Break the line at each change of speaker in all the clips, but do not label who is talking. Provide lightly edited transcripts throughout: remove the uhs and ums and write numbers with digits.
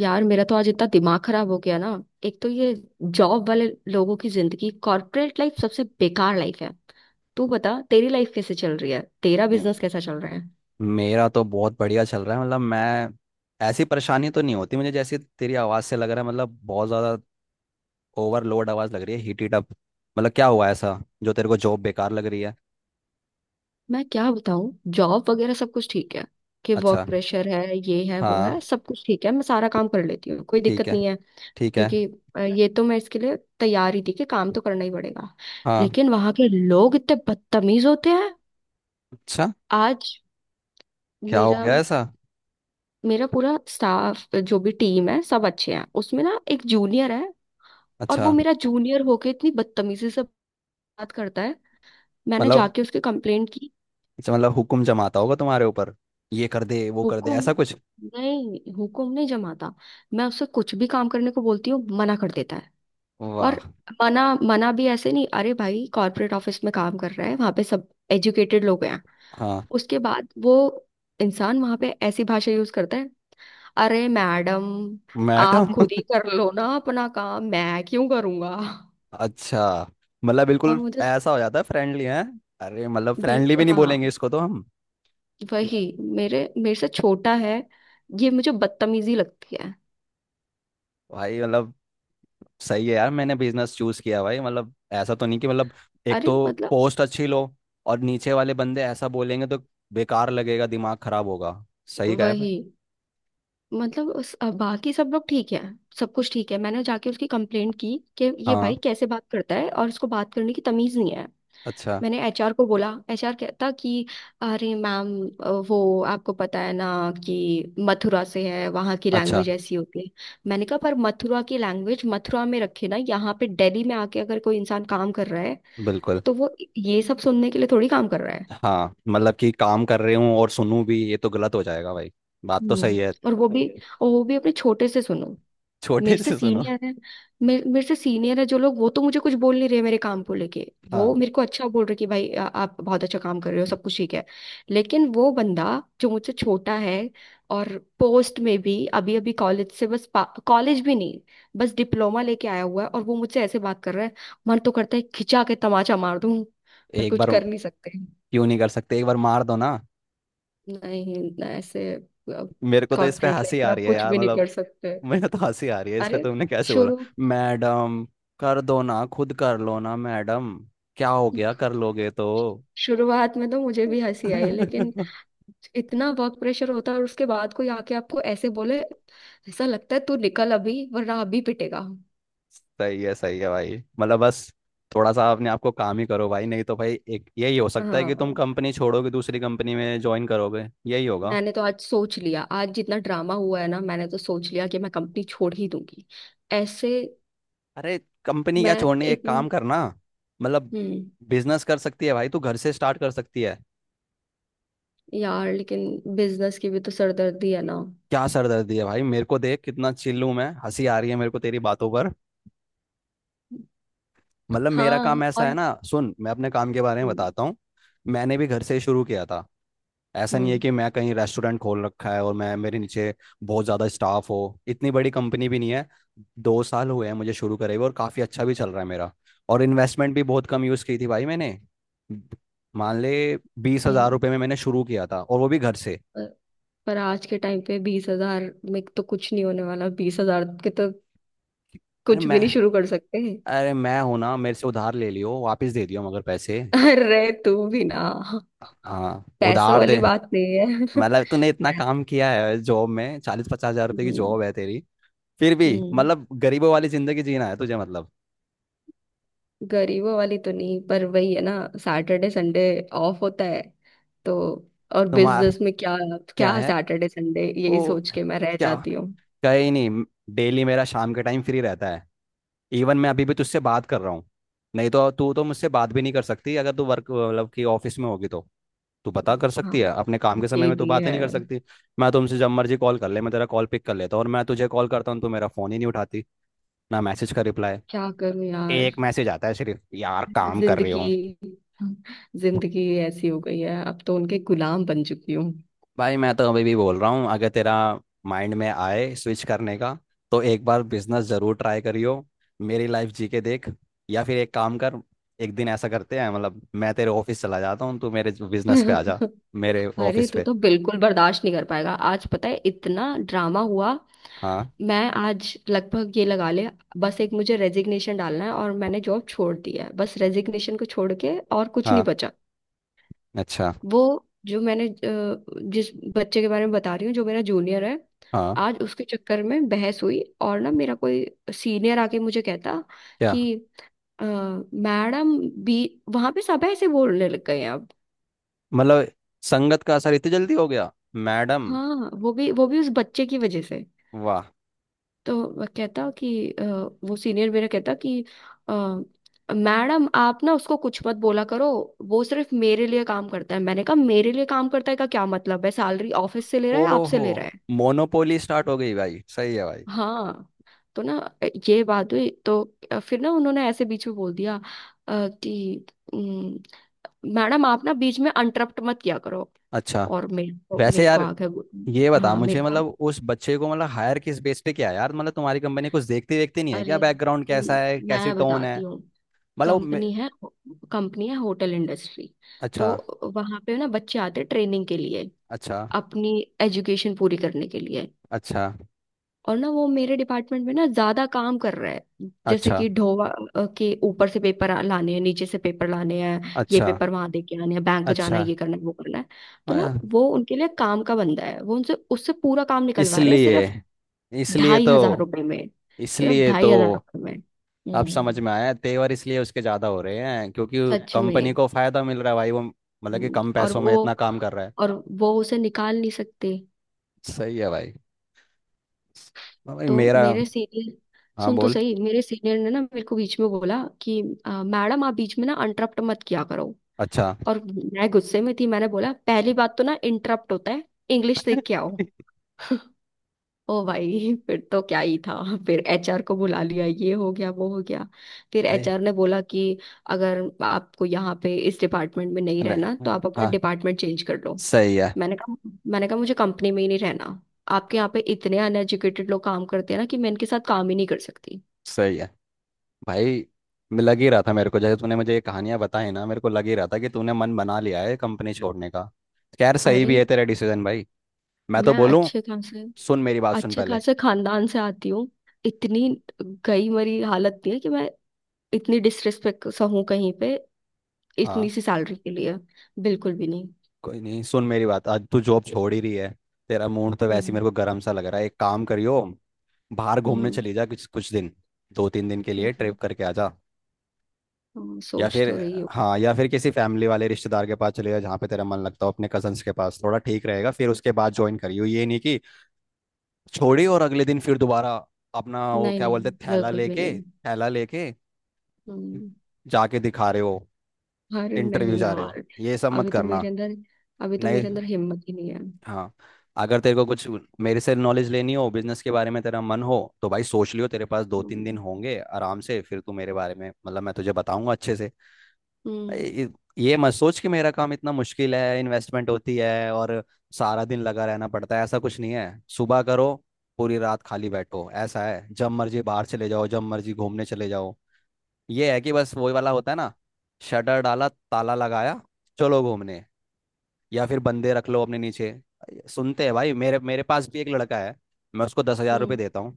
यार मेरा तो आज इतना दिमाग खराब हो गया ना। एक तो ये जॉब वाले लोगों की जिंदगी कॉर्पोरेट लाइफ सबसे बेकार लाइफ है। तू बता, तेरी लाइफ कैसे चल रही है, तेरा
नहीं,
बिजनेस कैसा चल रहा है?
मेरा तो बहुत बढ़िया चल रहा है। मैं ऐसी परेशानी तो नहीं होती मुझे, जैसी तेरी आवाज़ से लग रहा है। मतलब बहुत ज़्यादा ओवरलोड आवाज़ लग रही है, हीट हीट अप। मतलब क्या हुआ ऐसा जो तेरे को जॉब बेकार लग रही है?
मैं क्या बताऊं, जॉब वगैरह सब कुछ ठीक है। कि वर्क
अच्छा।
प्रेशर है, ये है, वो
हाँ।
है, सब कुछ ठीक है। मैं सारा काम कर लेती हूँ, कोई
ठीक
दिक्कत
है।
नहीं है।
ठीक है।
क्योंकि ये तो मैं इसके लिए तैयार ही थी कि काम तो करना ही पड़ेगा।
हाँ।
लेकिन वहां के लोग इतने बदतमीज होते हैं।
अच्छा,
आज
क्या हो
मेरा
गया ऐसा?
मेरा पूरा स्टाफ जो भी टीम है सब अच्छे हैं, उसमें ना एक जूनियर है। और वो
अच्छा
मेरा जूनियर होके इतनी बदतमीजी से बात करता है। मैंने
मतलब,
जाके उसकी कंप्लेंट की।
हुक्म जमाता होगा तुम्हारे ऊपर, ये कर दे वो कर दे
हुकुम
ऐसा कुछ।
नहीं, हुकुम नहीं जमाता। मैं उससे कुछ भी काम करने को बोलती हूँ, मना कर देता है। और
वाह।
मना मना भी ऐसे नहीं, अरे भाई कॉर्पोरेट ऑफिस में काम कर रहा है, वहां पे सब एजुकेटेड लोग हैं।
हाँ।
उसके बाद वो इंसान वहां पे ऐसी भाषा यूज करता है। अरे मैडम, आप
मैडम
खुद ही कर लो ना अपना काम, मैं क्यों करूँगा।
अच्छा, मतलब
और
बिल्कुल
मुझे स-
ऐसा हो जाता है, फ्रेंडली है। अरे मतलब फ्रेंडली भी
बिल्कुल
नहीं
हाँ।
बोलेंगे इसको तो हम।
वही, मेरे मेरे से छोटा है, ये मुझे बदतमीजी लगती है।
भाई मतलब सही है यार। मैंने बिजनेस चूज किया भाई, मतलब ऐसा तो नहीं कि मतलब एक
अरे
तो
मतलब,
पोस्ट अच्छी लो और नीचे वाले बंदे ऐसा बोलेंगे तो बेकार लगेगा, दिमाग खराब होगा। सही कहा है भाई।
वही। मतलब उस, बाकी सब लोग ठीक है। सब कुछ ठीक है। मैंने जाके उसकी कंप्लेंट की कि ये
हाँ।
भाई कैसे बात करता है और इसको बात करने की तमीज नहीं है।
अच्छा।
मैंने एचआर को बोला, एचआर कहता कि अरे मैम, वो आपको पता है ना कि मथुरा से है, वहाँ की
अच्छा।
लैंग्वेज ऐसी होती है। मैंने कहा पर मथुरा की लैंग्वेज मथुरा में रखे ना, यहाँ पे दिल्ली में आके अगर कोई इंसान काम कर रहा है
बिल्कुल।
तो वो ये सब सुनने के लिए थोड़ी काम कर रहा है।
हाँ मतलब कि काम कर रहे हूँ और सुनूं भी, ये तो गलत हो जाएगा भाई। बात तो सही
हम्म
है
और वो भी, और वो भी अपने छोटे से सुनो। मेरे
छोटे
से
से सुनो।
सीनियर है। मेरे मेरे से सीनियर है जो लोग, वो तो मुझे कुछ बोल नहीं रहे मेरे काम को लेके। वो
हाँ।
मेरे को अच्छा बोल रहे कि भाई आप बहुत अच्छा काम कर रहे हो, सब कुछ ठीक है। लेकिन वो बंदा जो मुझसे छोटा है और पोस्ट में भी अभी अभी कॉलेज से बस, कॉलेज भी नहीं, बस डिप्लोमा लेके आया हुआ है, और वो मुझसे ऐसे बात कर रहा है। मन तो करता है खिंचा के तमाचा मार दूं, पर
एक
कुछ
बार,
कर नहीं सकते।
क्यों नहीं कर सकते? एक बार मार दो ना।
नहीं ना, ऐसे
मेरे को तो इस पे
कॉर्पोरेट
हंसी
लाइफ
आ
में आप
रही है
कुछ
यार,
भी नहीं
मतलब
कर सकते।
मुझे तो हंसी आ रही है इस पे,
अरे
तुमने कैसे बोला?
शुरू
मैडम, कर दो ना, खुद कर लो ना मैडम। क्या हो गया कर लोगे तो?
शुरुआत में तो मुझे भी हंसी आई, लेकिन इतना वर्क प्रेशर होता है और उसके बाद कोई आके आपको ऐसे बोले, ऐसा लगता है तू निकल अभी वरना अभी पिटेगा।
सही है, सही है भाई। बस थोड़ा सा अपने आप को काम ही करो भाई, नहीं तो भाई एक यही हो सकता है कि तुम
हाँ,
कंपनी छोड़ोगे, दूसरी कंपनी में ज्वाइन करोगे, यही होगा।
मैंने तो आज सोच लिया, आज जितना ड्रामा हुआ है ना, मैंने तो सोच लिया कि मैं कंपनी छोड़ ही दूंगी ऐसे।
अरे कंपनी
मैं
क्या छोड़नी,
एक
एक काम करना। मतलब
हम्म।
बिजनेस कर सकती है भाई, तू घर से स्टार्ट कर सकती है।
यार लेकिन बिजनेस की भी तो सरदर्दी है ना।
क्या सरदर्दी है भाई? मेरे को देख कितना चिल्लू मैं, हंसी आ रही है मेरे को तेरी बातों पर। मतलब मेरा
हाँ
काम ऐसा है
और।
ना, सुन, मैं अपने काम के बारे में
हम्म।
बताता हूँ। मैंने भी घर से ही शुरू किया था। ऐसा नहीं है
हम्म,
कि मैं कहीं रेस्टोरेंट खोल रखा है और मैं, मेरे नीचे बहुत ज़्यादा स्टाफ हो। इतनी बड़ी कंपनी भी नहीं है। 2 साल हुए हैं मुझे शुरू करे हुए और काफ़ी अच्छा भी चल रहा है मेरा। और इन्वेस्टमेंट भी बहुत कम यूज़ की थी भाई मैंने। मान ले बीस हज़ार
यही।
रुपये में मैंने शुरू किया था, और वो भी घर से।
पर पर आज के टाइम पे 20,000 में तो कुछ नहीं होने वाला, 20,000 के तो
अरे
कुछ
मैं
भी नहीं शुरू कर सकते।
अरे मैं हूं ना, मेरे से उधार ले लियो, वापस दे दियो मगर पैसे।
अरे तू भी ना।
हाँ।
पैसों
उधार दे।
वाली बात नहीं है।
मतलब तूने इतना काम किया है जॉब में, 40-50 हजार रुपए की
हम्म।
जॉब है तेरी। फिर भी
हम्म,
मतलब गरीबों वाली जिंदगी जीना है तुझे मतलब।
गरीबों वाली तो नहीं, पर वही है ना। सैटरडे संडे ऑफ होता है तो। और
तुम्हारा
बिजनेस में क्या?
क्या
क्या
है?
सैटरडे संडे, यही
वो
सोच के मैं रह
क्या,
जाती हूँ।
कहीं नहीं। डेली मेरा शाम के टाइम फ्री रहता है। इवन मैं अभी भी तुझसे बात कर रहा हूँ। नहीं तो तू तो मुझसे बात भी नहीं कर सकती, अगर तू वर्क मतलब कि ऑफिस में होगी तो। तू पता कर
हाँ
सकती है, अपने काम के समय
ये
में तू
भी
बातें
है।
नहीं कर सकती। मैं तुमसे जब मर्जी कॉल कर ले, मैं तेरा कॉल पिक कर लेता हूँ, और मैं तुझे कॉल करता हूँ तू मेरा फोन ही नहीं उठाती, ना मैसेज का रिप्लाई।
क्या करूं यार।
एक मैसेज आता है सिर्फ, यार काम कर रही
जिंदगी
हूँ।
जिंदगी ऐसी हो गई है अब तो, उनके गुलाम बन चुकी हूँ।
भाई मैं तो अभी भी बोल रहा हूँ, अगर तेरा माइंड में आए स्विच करने का तो एक बार बिजनेस जरूर ट्राई करियो। मेरी लाइफ जी के देख। या फिर एक काम कर, एक दिन ऐसा करते हैं, मतलब मैं तेरे ऑफिस चला जाता हूँ, तू मेरे बिजनेस पे आ जा, मेरे
अरे
ऑफिस
तू
पे।
तो बिल्कुल बर्दाश्त नहीं कर पाएगा, आज पता है इतना ड्रामा हुआ।
हाँ।
मैं आज लगभग ये लगा ले, बस एक मुझे रेजिग्नेशन डालना है और मैंने जॉब छोड़ दी है, बस रेजिग्नेशन को छोड़ के और कुछ नहीं
हाँ।
बचा।
अच्छा।
वो जो मैंने जिस बच्चे के बारे में बता रही हूँ जो मेरा जूनियर है,
हाँ।
आज उसके चक्कर में बहस हुई। और ना मेरा कोई सीनियर आके मुझे कहता
क्या?
कि मैडम भी वहां पे सब ऐसे बोलने लग गए हैं अब।
मतलब संगत का असर इतनी जल्दी हो गया? मैडम।
हाँ, वो भी, वो भी उस बच्चे की वजह से।
वाह।
तो वह कहता कि वो सीनियर मेरा कहता कि अ, मैडम आप ना उसको कुछ मत बोला करो, वो सिर्फ मेरे लिए काम करता है। मैंने कहा मेरे लिए काम करता है का क्या मतलब है, सैलरी ऑफिस से ले रहा है आपसे
ओहो,
ले रहा है?
मोनोपोली स्टार्ट हो गई भाई, सही है भाई।
हाँ तो ना ये बात हुई तो फिर ना उन्होंने ऐसे बीच में बोल दिया कि "उम, मैडम आप ना बीच में इंटरप्ट मत किया करो।
अच्छा।
और मेरे को
वैसे
मेरे को
यार
आ गया
ये बता
हाँ, मेरे
मुझे,
को।
मतलब उस बच्चे को मतलब हायर किस बेस पे किया यार? मतलब तुम्हारी कंपनी कुछ देखती देखती नहीं है
अरे
क्या? बैकग्राउंड
न-
कैसा है, कैसी
मैं
टोन है?
बताती हूँ।
मतलब वो मे-।
कंपनी है, कंपनी है होटल इंडस्ट्री।
अच्छा।
तो वहां पे ना बच्चे आते हैं ट्रेनिंग के लिए,
अच्छा।
अपनी एजुकेशन पूरी करने के लिए।
अच्छा।
और ना वो मेरे डिपार्टमेंट में ना ज्यादा काम कर रहा है, जैसे
अच्छा।
कि ढोवा, के ऊपर से पेपर लाने हैं, नीचे से पेपर लाने हैं, ये
अच्छा।
पेपर वहां दे के आने हैं, बैंक जाना
अच्छा।
है, ये करना है, वो करना है। तो ना
हाँ।
वो उनके लिए काम का बंदा है, वो उनसे उससे पूरा काम निकलवा रहे हैं
इसलिए
सिर्फ
इसलिए
ढाई
तो
हजार रुपये में, सिर्फ
इसलिए
ढाई
तो
हजार रुपये में।
अब समझ
हम्म।
में आया, तेवर इसलिए उसके ज़्यादा हो रहे हैं क्योंकि
सच
कंपनी
में।
को फ़ायदा मिल रहा है भाई वो, मतलब कि कम
और
पैसों में इतना
वो,
काम कर रहा है।
और वो उसे निकाल नहीं सकते।
सही है भाई। हाँ भाई
तो
मेरा,
मेरे सीनियर,
हाँ
सुन तो
बोल।
सही। मेरे सीनियर ने ना मेरे को बीच में बोला कि मैडम आप बीच में ना इंटरप्ट मत किया करो।
अच्छा।
और मैं गुस्से में थी, मैंने बोला पहली बात तो ना इंटरप्ट होता है, इंग्लिश सीख के आओ। ओ भाई फिर तो क्या ही था। फिर एचआर को बुला लिया, ये हो गया वो हो गया। फिर
भाई।
एचआर ने बोला कि अगर आपको यहाँ पे इस डिपार्टमेंट में नहीं
अरे
रहना तो
हाँ,
आप अपना
हाँ,
डिपार्टमेंट चेंज कर लो।
सही है,
मैंने कहा मैंने कहा मुझे कंपनी में ही नहीं रहना, आपके यहाँ पे इतने अनएजुकेटेड लोग काम करते हैं ना कि मैं इनके साथ काम ही नहीं कर सकती।
सही है भाई। मैं लग ही रहा था मेरे को, जैसे तूने मुझे ये कहानियां बताई ना, मेरे को लग ही रहा था कि तूने मन बना लिया है कंपनी छोड़ने का। खैर सही
अरे
भी है तेरा डिसीजन भाई। मैं तो
मैं
बोलूं, सुन मेरी बात, सुन
अच्छे
पहले।
खासे खानदान से आती हूँ। इतनी गई मरी हालत नहीं है कि मैं इतनी डिसरिस्पेक्ट सा हूँ कहीं पे, इतनी
हाँ।
सी सैलरी के लिए। बिल्कुल भी।
कोई नहीं, सुन मेरी बात, आज तू जॉब छोड़ ही रही है। तेरा मूड तो वैसे ही
हम्म।
मेरे को गर्म सा लग रहा है, एक काम करियो, बाहर घूमने
हम्म।
चली जा कुछ कुछ दिन, 2-3 दिन के लिए
हम्म,
ट्रिप करके आ जा।
हाँ,
या
सोच
फिर,
तो रही हो।
हाँ, या फिर किसी फैमिली वाले रिश्तेदार के पास चले जा, जहाँ पे तेरा मन लगता हो, अपने कजन्स के पास थोड़ा ठीक रहेगा, फिर उसके बाद ज्वाइन करियो। ये नहीं कि छोड़ी और अगले दिन फिर दोबारा अपना वो
नहीं
क्या
नहीं,
बोलते हैं,
बिल्कुल भी नहीं।
थैला लेके
हम्म।
जाके दिखा रहे हो,
अरे
इंटरव्यू
नहीं
जा रहे हो,
यार।
ये सब मत
अभी तो
करना।
मेरे अंदर अभी तो
नहीं।
मेरे अंदर हिम्मत ही नहीं है।
हाँ। अगर तेरे को कुछ मेरे से नॉलेज लेनी हो बिजनेस के बारे में, तेरा मन हो, तो भाई सोच लियो, तेरे पास 2-3 दिन
हम्म।
होंगे आराम से, फिर तू मेरे बारे में मतलब मैं तुझे बताऊंगा अच्छे से।
हम्म।
ये ये मत सोच कि मेरा काम इतना मुश्किल है, इन्वेस्टमेंट होती है और सारा दिन लगा रहना पड़ता है, ऐसा कुछ नहीं है। सुबह करो, पूरी रात खाली बैठो, ऐसा है, जब मर्जी बाहर चले जाओ, जब मर्जी घूमने चले जाओ। ये है कि बस वही वाला होता है ना, शटर डाला, ताला लगाया, चलो घूमने। या फिर बंदे रख लो अपने नीचे, सुनते हैं भाई। मेरे मेरे पास भी एक लड़का है, मैं उसको 10,000 रुपये
हम्म,
देता हूँ।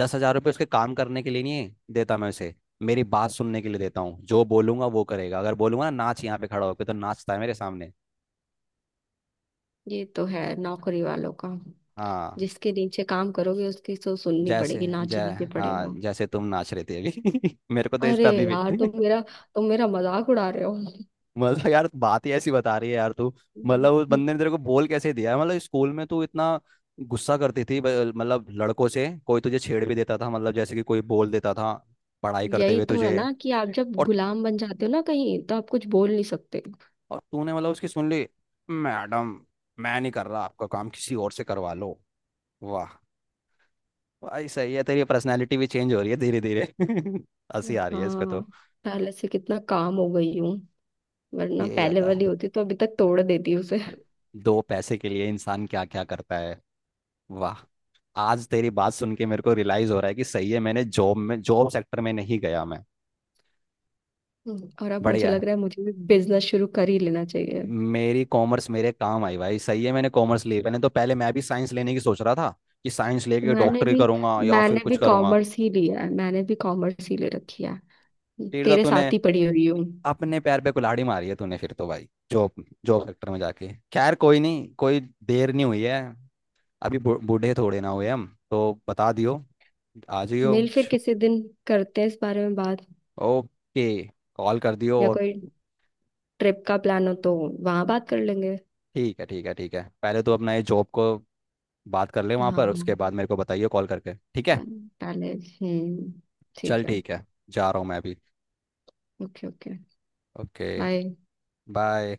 10,000 रुपये उसके काम करने के लिए नहीं देता, मैं उसे मेरी बात सुनने के लिए देता हूँ। जो बोलूंगा वो करेगा, अगर बोलूंगा ना नाच यहाँ पे खड़ा होकर तो नाचता है मेरे सामने।
ये तो है नौकरी वालों का।
हाँ
जिसके नीचे काम करोगे उसकी तो सुननी
जैसे,
पड़ेगी,
जय,
नाचना भी
हाँ
पड़ेगा।
जैसे तुम नाच रहे थे अभी। मेरे को तो इस
अरे
पे अभी भी
यार, तुम मेरा मजाक उड़ा रहे हो।
मतलब यार बात ही ऐसी बता रही है यार तू। मतलब उस
हम्म,
बंदे ने तेरे को बोल कैसे दिया? मतलब स्कूल में तू इतना गुस्सा करती थी ब-, मतलब लड़कों से कोई तुझे छेड़ भी देता था, मतलब जैसे कि कोई बोल देता था पढ़ाई करते
यही
हुए
तो है
तुझे।
ना कि आप जब
और
गुलाम बन जाते हो ना कहीं तो आप कुछ बोल नहीं सकते।
और तूने मतलब उसकी सुन ली? मैडम मैं नहीं कर रहा, आपका काम किसी और से करवा लो। वाह भाई, सही है, तेरी पर्सनैलिटी भी चेंज हो रही है धीरे धीरे हंसी आ रही है इस पे तो।
हाँ, पहले से कितना काम हो गई हूँ, वरना
यही
पहले
होता है,
वाली होती तो अभी तक तोड़ देती उसे।
दो पैसे के लिए इंसान क्या क्या करता है। वाह। आज तेरी बात सुन के मेरे को रियलाइज हो रहा है कि सही है मैंने जॉब में, जॉब सेक्टर में नहीं गया मैं।
हम्म। और अब मुझे
बढ़िया है,
लग रहा है मुझे भी बिजनेस शुरू कर ही लेना चाहिए।
मेरी कॉमर्स मेरे काम आई भाई, सही है मैंने कॉमर्स ली। मैंने तो पहले, मैं भी साइंस लेने की सोच रहा था, कि साइंस लेके
मैंने
डॉक्टरी
भी
करूंगा या फिर
मैंने
कुछ
भी
करूंगा।
कॉमर्स ही लिया है, मैंने भी कॉमर्स ही ले रखी है।
फिर तो
तेरे
तूने
साथ ही पड़ी हुई हूँ।
अपने पैर पे कुल्हाड़ी मारी है तूने फिर तो भाई, जॉब, जॉब सेक्टर में जाके। खैर कोई नहीं, कोई देर नहीं हुई है, अभी बू- बूढ़े थोड़े ना हुए हम। तो बता दियो, आ जाइयो।
मिल फिर किसी दिन, करते हैं इस बारे में बात।
ओके, कॉल कर दियो,
या
और
कोई ट्रिप का प्लान हो तो वहां बात कर लेंगे।
ठीक है, ठीक है, ठीक है, पहले तो अपना ये जॉब को बात कर ले वहाँ पर, उसके
हाँ,
बाद मेरे को बताइए कॉल करके, ठीक है?
पहले पहले- हम्म,
चल
ठीक है।
ठीक है, जा रहा हूँ मैं अभी।
Okay okay.
Okay.
Bye.
Bye.